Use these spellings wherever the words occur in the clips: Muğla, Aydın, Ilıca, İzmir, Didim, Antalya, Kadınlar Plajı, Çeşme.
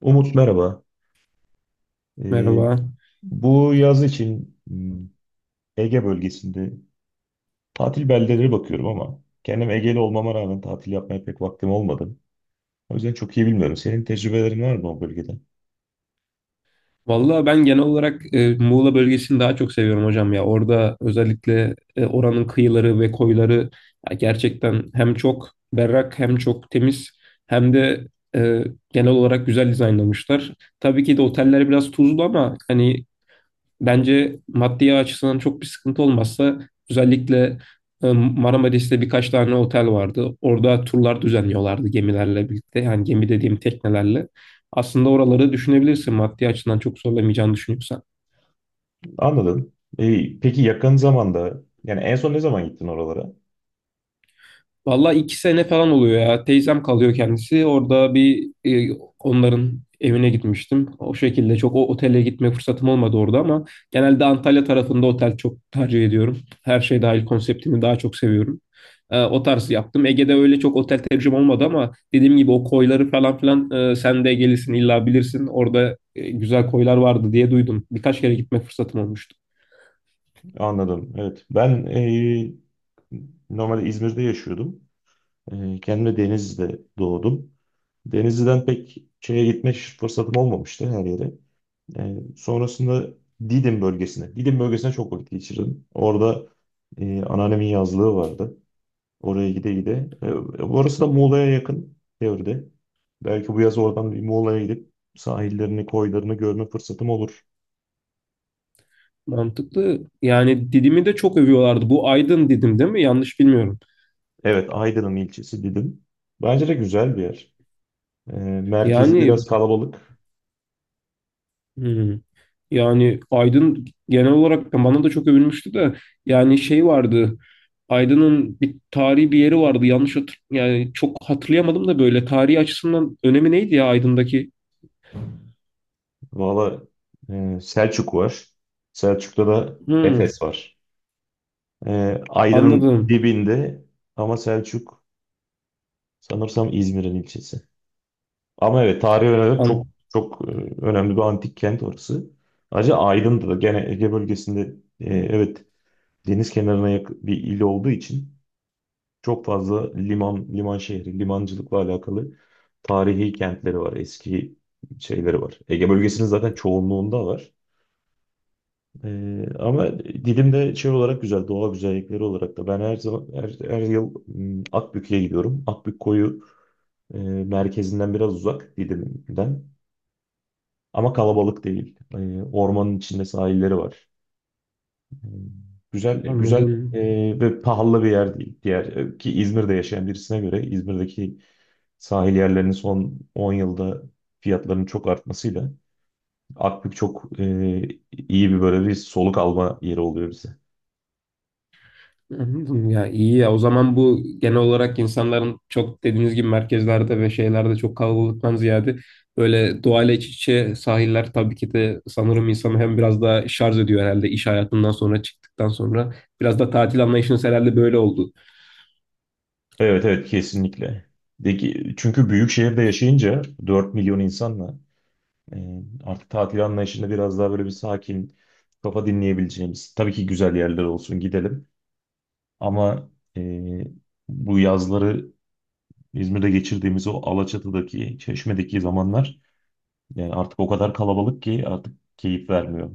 Umut, merhaba. Ee, Merhaba. Bu yaz için Ege bölgesinde tatil beldeleri bakıyorum ama kendim Ege'li olmama rağmen tatil yapmaya pek vaktim olmadı. O yüzden çok iyi bilmiyorum. Senin tecrübelerin var mı o bölgede? Vallahi ben genel olarak Muğla bölgesini daha çok seviyorum hocam ya. Orada özellikle oranın kıyıları ve koyları ya gerçekten hem çok berrak hem çok temiz hem de e, genel olarak güzel dizaynlamışlar. Tabii ki de oteller biraz tuzlu ama hani bence maddi açısından çok bir sıkıntı olmazsa özellikle Marmaris'te birkaç tane otel vardı. Orada turlar düzenliyorlardı gemilerle birlikte. Yani gemi dediğim teknelerle. Aslında oraları düşünebilirsin maddi açıdan çok zorlamayacağını düşünüyorsan. Anladım. Peki yakın zamanda yani en son ne zaman gittin oralara? Valla iki sene falan oluyor ya. Teyzem kalıyor kendisi. Orada bir onların evine gitmiştim. O şekilde çok o otele gitme fırsatım olmadı orada ama genelde Antalya tarafında otel çok tercih ediyorum. Her şey dahil konseptini daha çok seviyorum. O tarz yaptım. Ege'de öyle çok otel tecrübem olmadı ama dediğim gibi o koyları falan filan sen de Ege'lisin illa bilirsin. Orada güzel koylar vardı diye duydum. Birkaç kere gitme fırsatım olmuştu. Anladım. Evet. Ben normalde İzmir'de yaşıyordum. Kendim de Denizli'de doğdum. Denizli'den pek şeye gitme fırsatım olmamıştı her yere. Sonrasında Didim bölgesine. Didim bölgesine çok vakit geçirdim. Orada anneannemin yazlığı vardı. Oraya gide gide. Orası da Muğla'ya yakın teoride. Belki bu yaz oradan bir Muğla'ya gidip sahillerini, koylarını görme fırsatım olur. Mantıklı. Yani Didim'i de çok övüyorlardı. Bu Aydın Didim değil mi? Yanlış bilmiyorum. Evet, Aydın'ın ilçesi Didim. Bence de güzel bir yer. E, Merkezi Yani biraz kalabalık. hmm, yani Aydın genel olarak bana da çok övülmüştü de yani şey vardı. Aydın'ın bir tarihi bir yeri vardı. Yanlış hatır yani çok hatırlayamadım da böyle tarihi açısından önemi neydi ya Aydın'daki? Valla, Selçuk var. Selçuk'ta da Hmm, Efes var. Aydın'ın anladım. dibinde ama Selçuk sanırsam İzmir'in ilçesi. Ama evet, tarihi olarak çok An- çok önemli bir antik kent orası. Ayrıca Aydın'da da gene Ege bölgesinde, evet, deniz kenarına yakın bir il olduğu için çok fazla liman, liman şehri, limancılıkla alakalı tarihi kentleri var, eski şeyleri var. Ege bölgesinin zaten çoğunluğunda var. Ama Didim'de şey olarak güzel, doğa güzellikleri olarak da. Ben her zaman, her yıl Akbük'e gidiyorum. Akbük koyu merkezinden biraz uzak, Didim'den. Ama kalabalık değil. Ormanın içinde sahilleri var. E, Güzel, güzel anladım. ve pahalı bir yer değil. Diğer, ki İzmir'de yaşayan birisine göre İzmir'deki sahil yerlerinin son 10 yılda fiyatlarının çok artmasıyla Akbük çok iyi, bir böyle bir soluk alma yeri oluyor bize. Anladım ya, iyi ya, o zaman bu genel olarak insanların çok dediğiniz gibi merkezlerde ve şeylerde çok kalabalıktan ziyade böyle doğayla iç içe sahiller tabii ki de sanırım insanı hem biraz daha şarj ediyor herhalde iş hayatından sonra çıktıktan sonra biraz da tatil anlayışınız herhalde böyle oldu. Evet, evet, kesinlikle. De ki, çünkü büyük şehirde yaşayınca 4 milyon insanla, artık tatil anlayışında biraz daha böyle bir sakin kafa dinleyebileceğimiz. Tabii ki güzel yerler olsun, gidelim. Ama e, bu yazları İzmir'de geçirdiğimiz o Alaçatı'daki, Çeşme'deki zamanlar, yani artık o kadar kalabalık ki artık keyif vermiyor.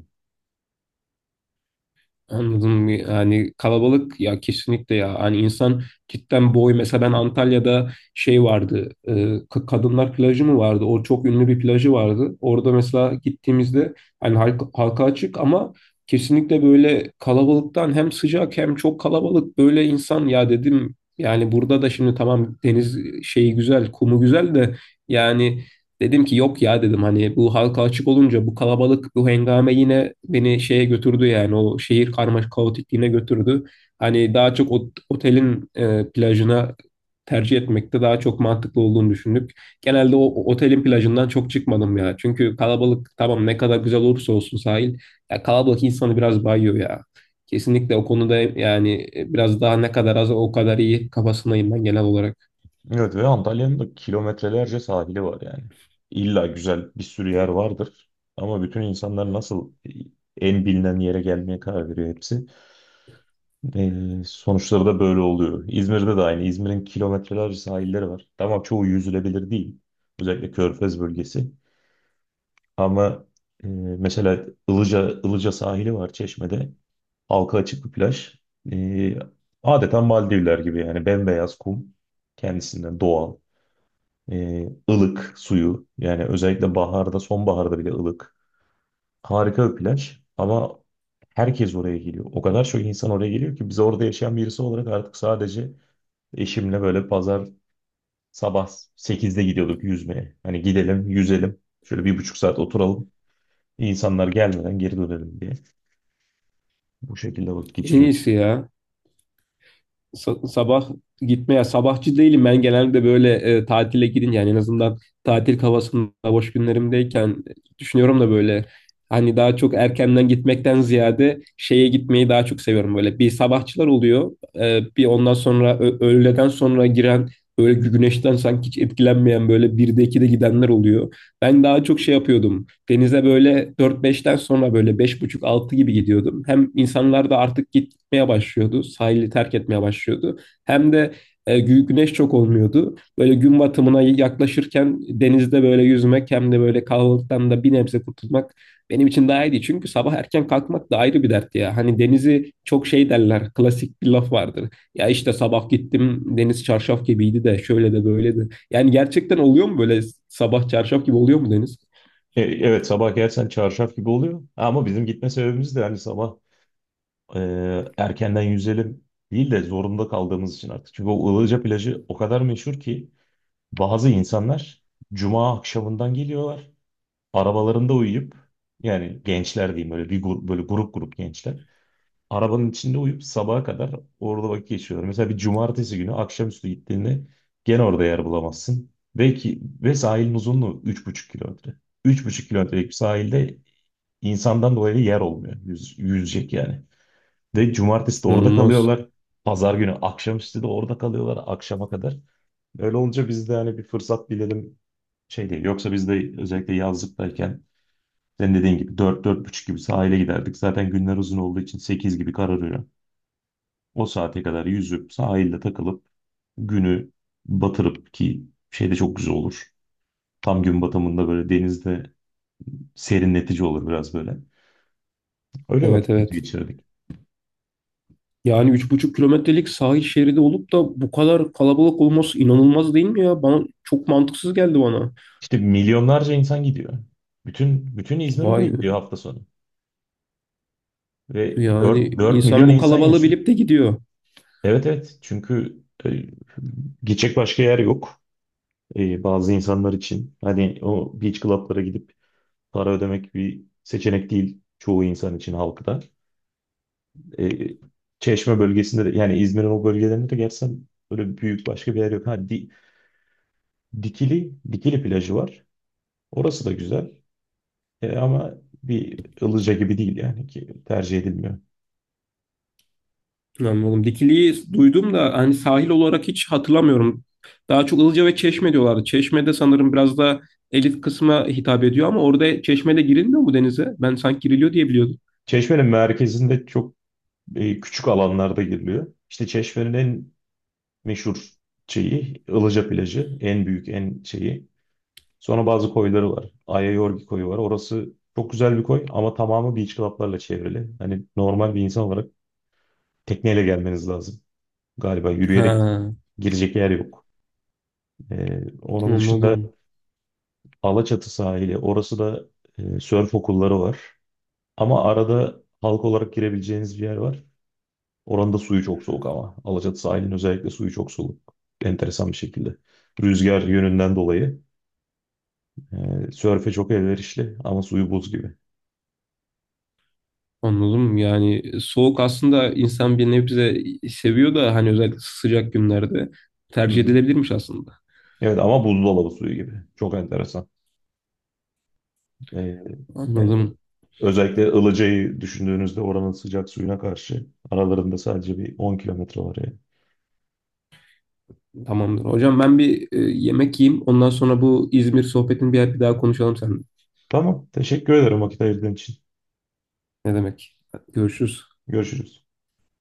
Anladım, yani kalabalık ya kesinlikle ya hani insan cidden boy mesela ben Antalya'da şey vardı Kadınlar Plajı mı vardı, o çok ünlü bir plajı vardı orada mesela gittiğimizde hani halka açık ama kesinlikle böyle kalabalıktan hem sıcak hem çok kalabalık böyle insan, ya dedim yani burada da şimdi tamam deniz şeyi güzel kumu güzel de yani dedim ki yok ya, dedim hani bu halka açık olunca bu kalabalık bu hengame yine beni şeye götürdü yani o şehir karmaşık kaotikliğine götürdü. Hani daha çok otelin plajına tercih etmekte daha çok mantıklı olduğunu düşündük. Genelde o otelin plajından çok çıkmadım ya. Çünkü kalabalık tamam ne kadar güzel olursa olsun sahil ya kalabalık insanı biraz bayıyor ya. Kesinlikle o konuda yani biraz daha ne kadar az o kadar iyi kafasındayım ben genel olarak. Evet, ve Antalya'nın da kilometrelerce sahili var yani. İlla güzel bir sürü yer vardır. Ama bütün insanlar nasıl en bilinen yere gelmeye karar veriyor hepsi. Sonuçları da böyle oluyor. İzmir'de de aynı. İzmir'in kilometrelerce sahilleri var. Tamam, çoğu yüzülebilir değil. Özellikle Körfez bölgesi. Ama e, mesela Ilıca sahili var Çeşme'de. Halka açık bir plaj. Ee, Adeta Maldivler gibi, yani bembeyaz kum. Kendisinden doğal. Ilık suyu, yani özellikle baharda, sonbaharda bile ılık. Harika bir plaj ama herkes oraya geliyor. O kadar çok insan oraya geliyor ki biz orada yaşayan birisi olarak artık sadece eşimle böyle pazar sabah sekizde gidiyorduk yüzmeye. Hani gidelim yüzelim, şöyle bir buçuk saat oturalım, insanlar gelmeden geri dönelim diye bu şekilde vakit En geçiriyoruz. iyisi ya. Sabah gitmeye sabahçı değilim ben genelde böyle tatile gidince yani en azından tatil havasında boş günlerimdeyken düşünüyorum da böyle hani daha çok erkenden gitmekten ziyade şeye gitmeyi daha çok seviyorum, böyle bir sabahçılar oluyor. Bir ondan sonra öğleden sonra giren böyle güneşten sanki hiç etkilenmeyen böyle 1'de 2'de gidenler oluyor. Ben daha çok şey yapıyordum. Denize böyle dört beşten sonra böyle beş buçuk altı gibi gidiyordum. Hem insanlar da artık git etmeye başlıyordu. Sahili terk etmeye başlıyordu. Hem de güneş çok olmuyordu. Böyle gün batımına yaklaşırken denizde böyle yüzmek hem de böyle kalabalıktan da bir nebze kurtulmak benim için daha iyiydi. Çünkü sabah erken kalkmak da ayrı bir dert ya. Hani denizi çok şey derler. Klasik bir laf vardır. Ya işte sabah gittim deniz çarşaf gibiydi de şöyle de böyle de. Yani gerçekten oluyor mu böyle, sabah çarşaf gibi oluyor mu deniz? Evet, sabah gelsen çarşaf gibi oluyor ama bizim gitme sebebimiz de hani sabah e, erkenden yüzelim değil de zorunda kaldığımız için artık. Çünkü o Ilıca plajı o kadar meşhur ki bazı insanlar cuma akşamından geliyorlar. Arabalarında uyuyup, yani gençler diyeyim, böyle bir grup, böyle grup grup gençler. Arabanın içinde uyuyup sabaha kadar orada vakit geçiriyorlar. Mesela bir cumartesi günü akşamüstü gittiğinde gene orada yer bulamazsın. Ve sahilin uzunluğu 3,5 kilometre. Üç buçuk kilometrelik bir sahilde insandan dolayı yer olmuyor. Yüzecek yani. Ve cumartesi de orada İnanılmaz. kalıyorlar. Pazar günü akşamüstü de orada kalıyorlar akşama kadar. Öyle olunca biz de hani bir fırsat bilelim, şey değil. Yoksa biz de özellikle yazlıktayken senin dediğin gibi dört, dört buçuk gibi sahile giderdik. Zaten günler uzun olduğu için 8 gibi kararıyor. O saate kadar yüzüp sahilde takılıp günü batırıp, ki şey de çok güzel olur. Tam gün batımında böyle denizde serinletici olur biraz böyle. Öyle Evet, vakit evet. geçirdik. Yani üç buçuk kilometrelik sahil şeridi olup da bu kadar kalabalık olması inanılmaz değil mi ya? Bana çok mantıksız geldi bana. İşte milyonlarca insan gidiyor. Bütün İzmir oraya gidiyor Vay, hafta sonu. Ve dört yani dört insan milyon bu insan kalabalığı yaşıyor. bilip de gidiyor. Evet, evet, çünkü gidecek başka yer yok bazı insanlar için. Hani o beach club'lara gidip para ödemek bir seçenek değil çoğu insan için, halkta. E, Çeşme bölgesinde de yani İzmir'in o bölgelerinde de gerçekten böyle büyük başka bir yer yok. Ha, Dikili plajı var. Orası da güzel. Ama bir Ilıca gibi değil yani, ki tercih edilmiyor. Anladım. Dikili'yi duydum da hani sahil olarak hiç hatırlamıyorum. Daha çok Ilıca ve Çeşme diyorlardı. Çeşme'de sanırım biraz da elit kısma hitap ediyor ama orada Çeşme'de girilmiyor mu denize? Ben sanki giriliyor diye biliyordum. Çeşme'nin merkezinde çok küçük alanlarda giriliyor. İşte Çeşme'nin en meşhur şeyi Ilıca plajı. En büyük, en şeyi. Sonra bazı koyları var. Ayayorgi koyu var. Orası çok güzel bir koy ama tamamı beach club'larla çevrili. Hani normal bir insan olarak tekneyle gelmeniz lazım. Galiba yürüyerek Ha, girecek yer yok. Onun dışında anladım. Alaçatı sahili. Orası da sörf okulları var. Ama arada halk olarak girebileceğiniz bir yer var. Oranın da suyu çok soğuk ama. Alaçatı sahilinin özellikle suyu çok soğuk. Enteresan bir şekilde. Rüzgar yönünden dolayı sörfe çok elverişli ama suyu buz gibi. Anladım. Yani soğuk aslında insan bir nebze seviyor da hani özellikle sıcak günlerde Hı tercih hı. edilebilirmiş aslında. Evet ama buzdolabı suyu gibi. Çok enteresan. E, e, Anladım. özellikle Ilıca'yı düşündüğünüzde oranın sıcak suyuna karşı aralarında sadece bir 10 kilometre var yani. Tamamdır. Hocam ben bir yemek yiyeyim. Ondan sonra bu İzmir sohbetini bir daha konuşalım seninle. Tamam. Teşekkür ederim vakit ayırdığın için. Ne demek? Görüşürüz. Görüşürüz.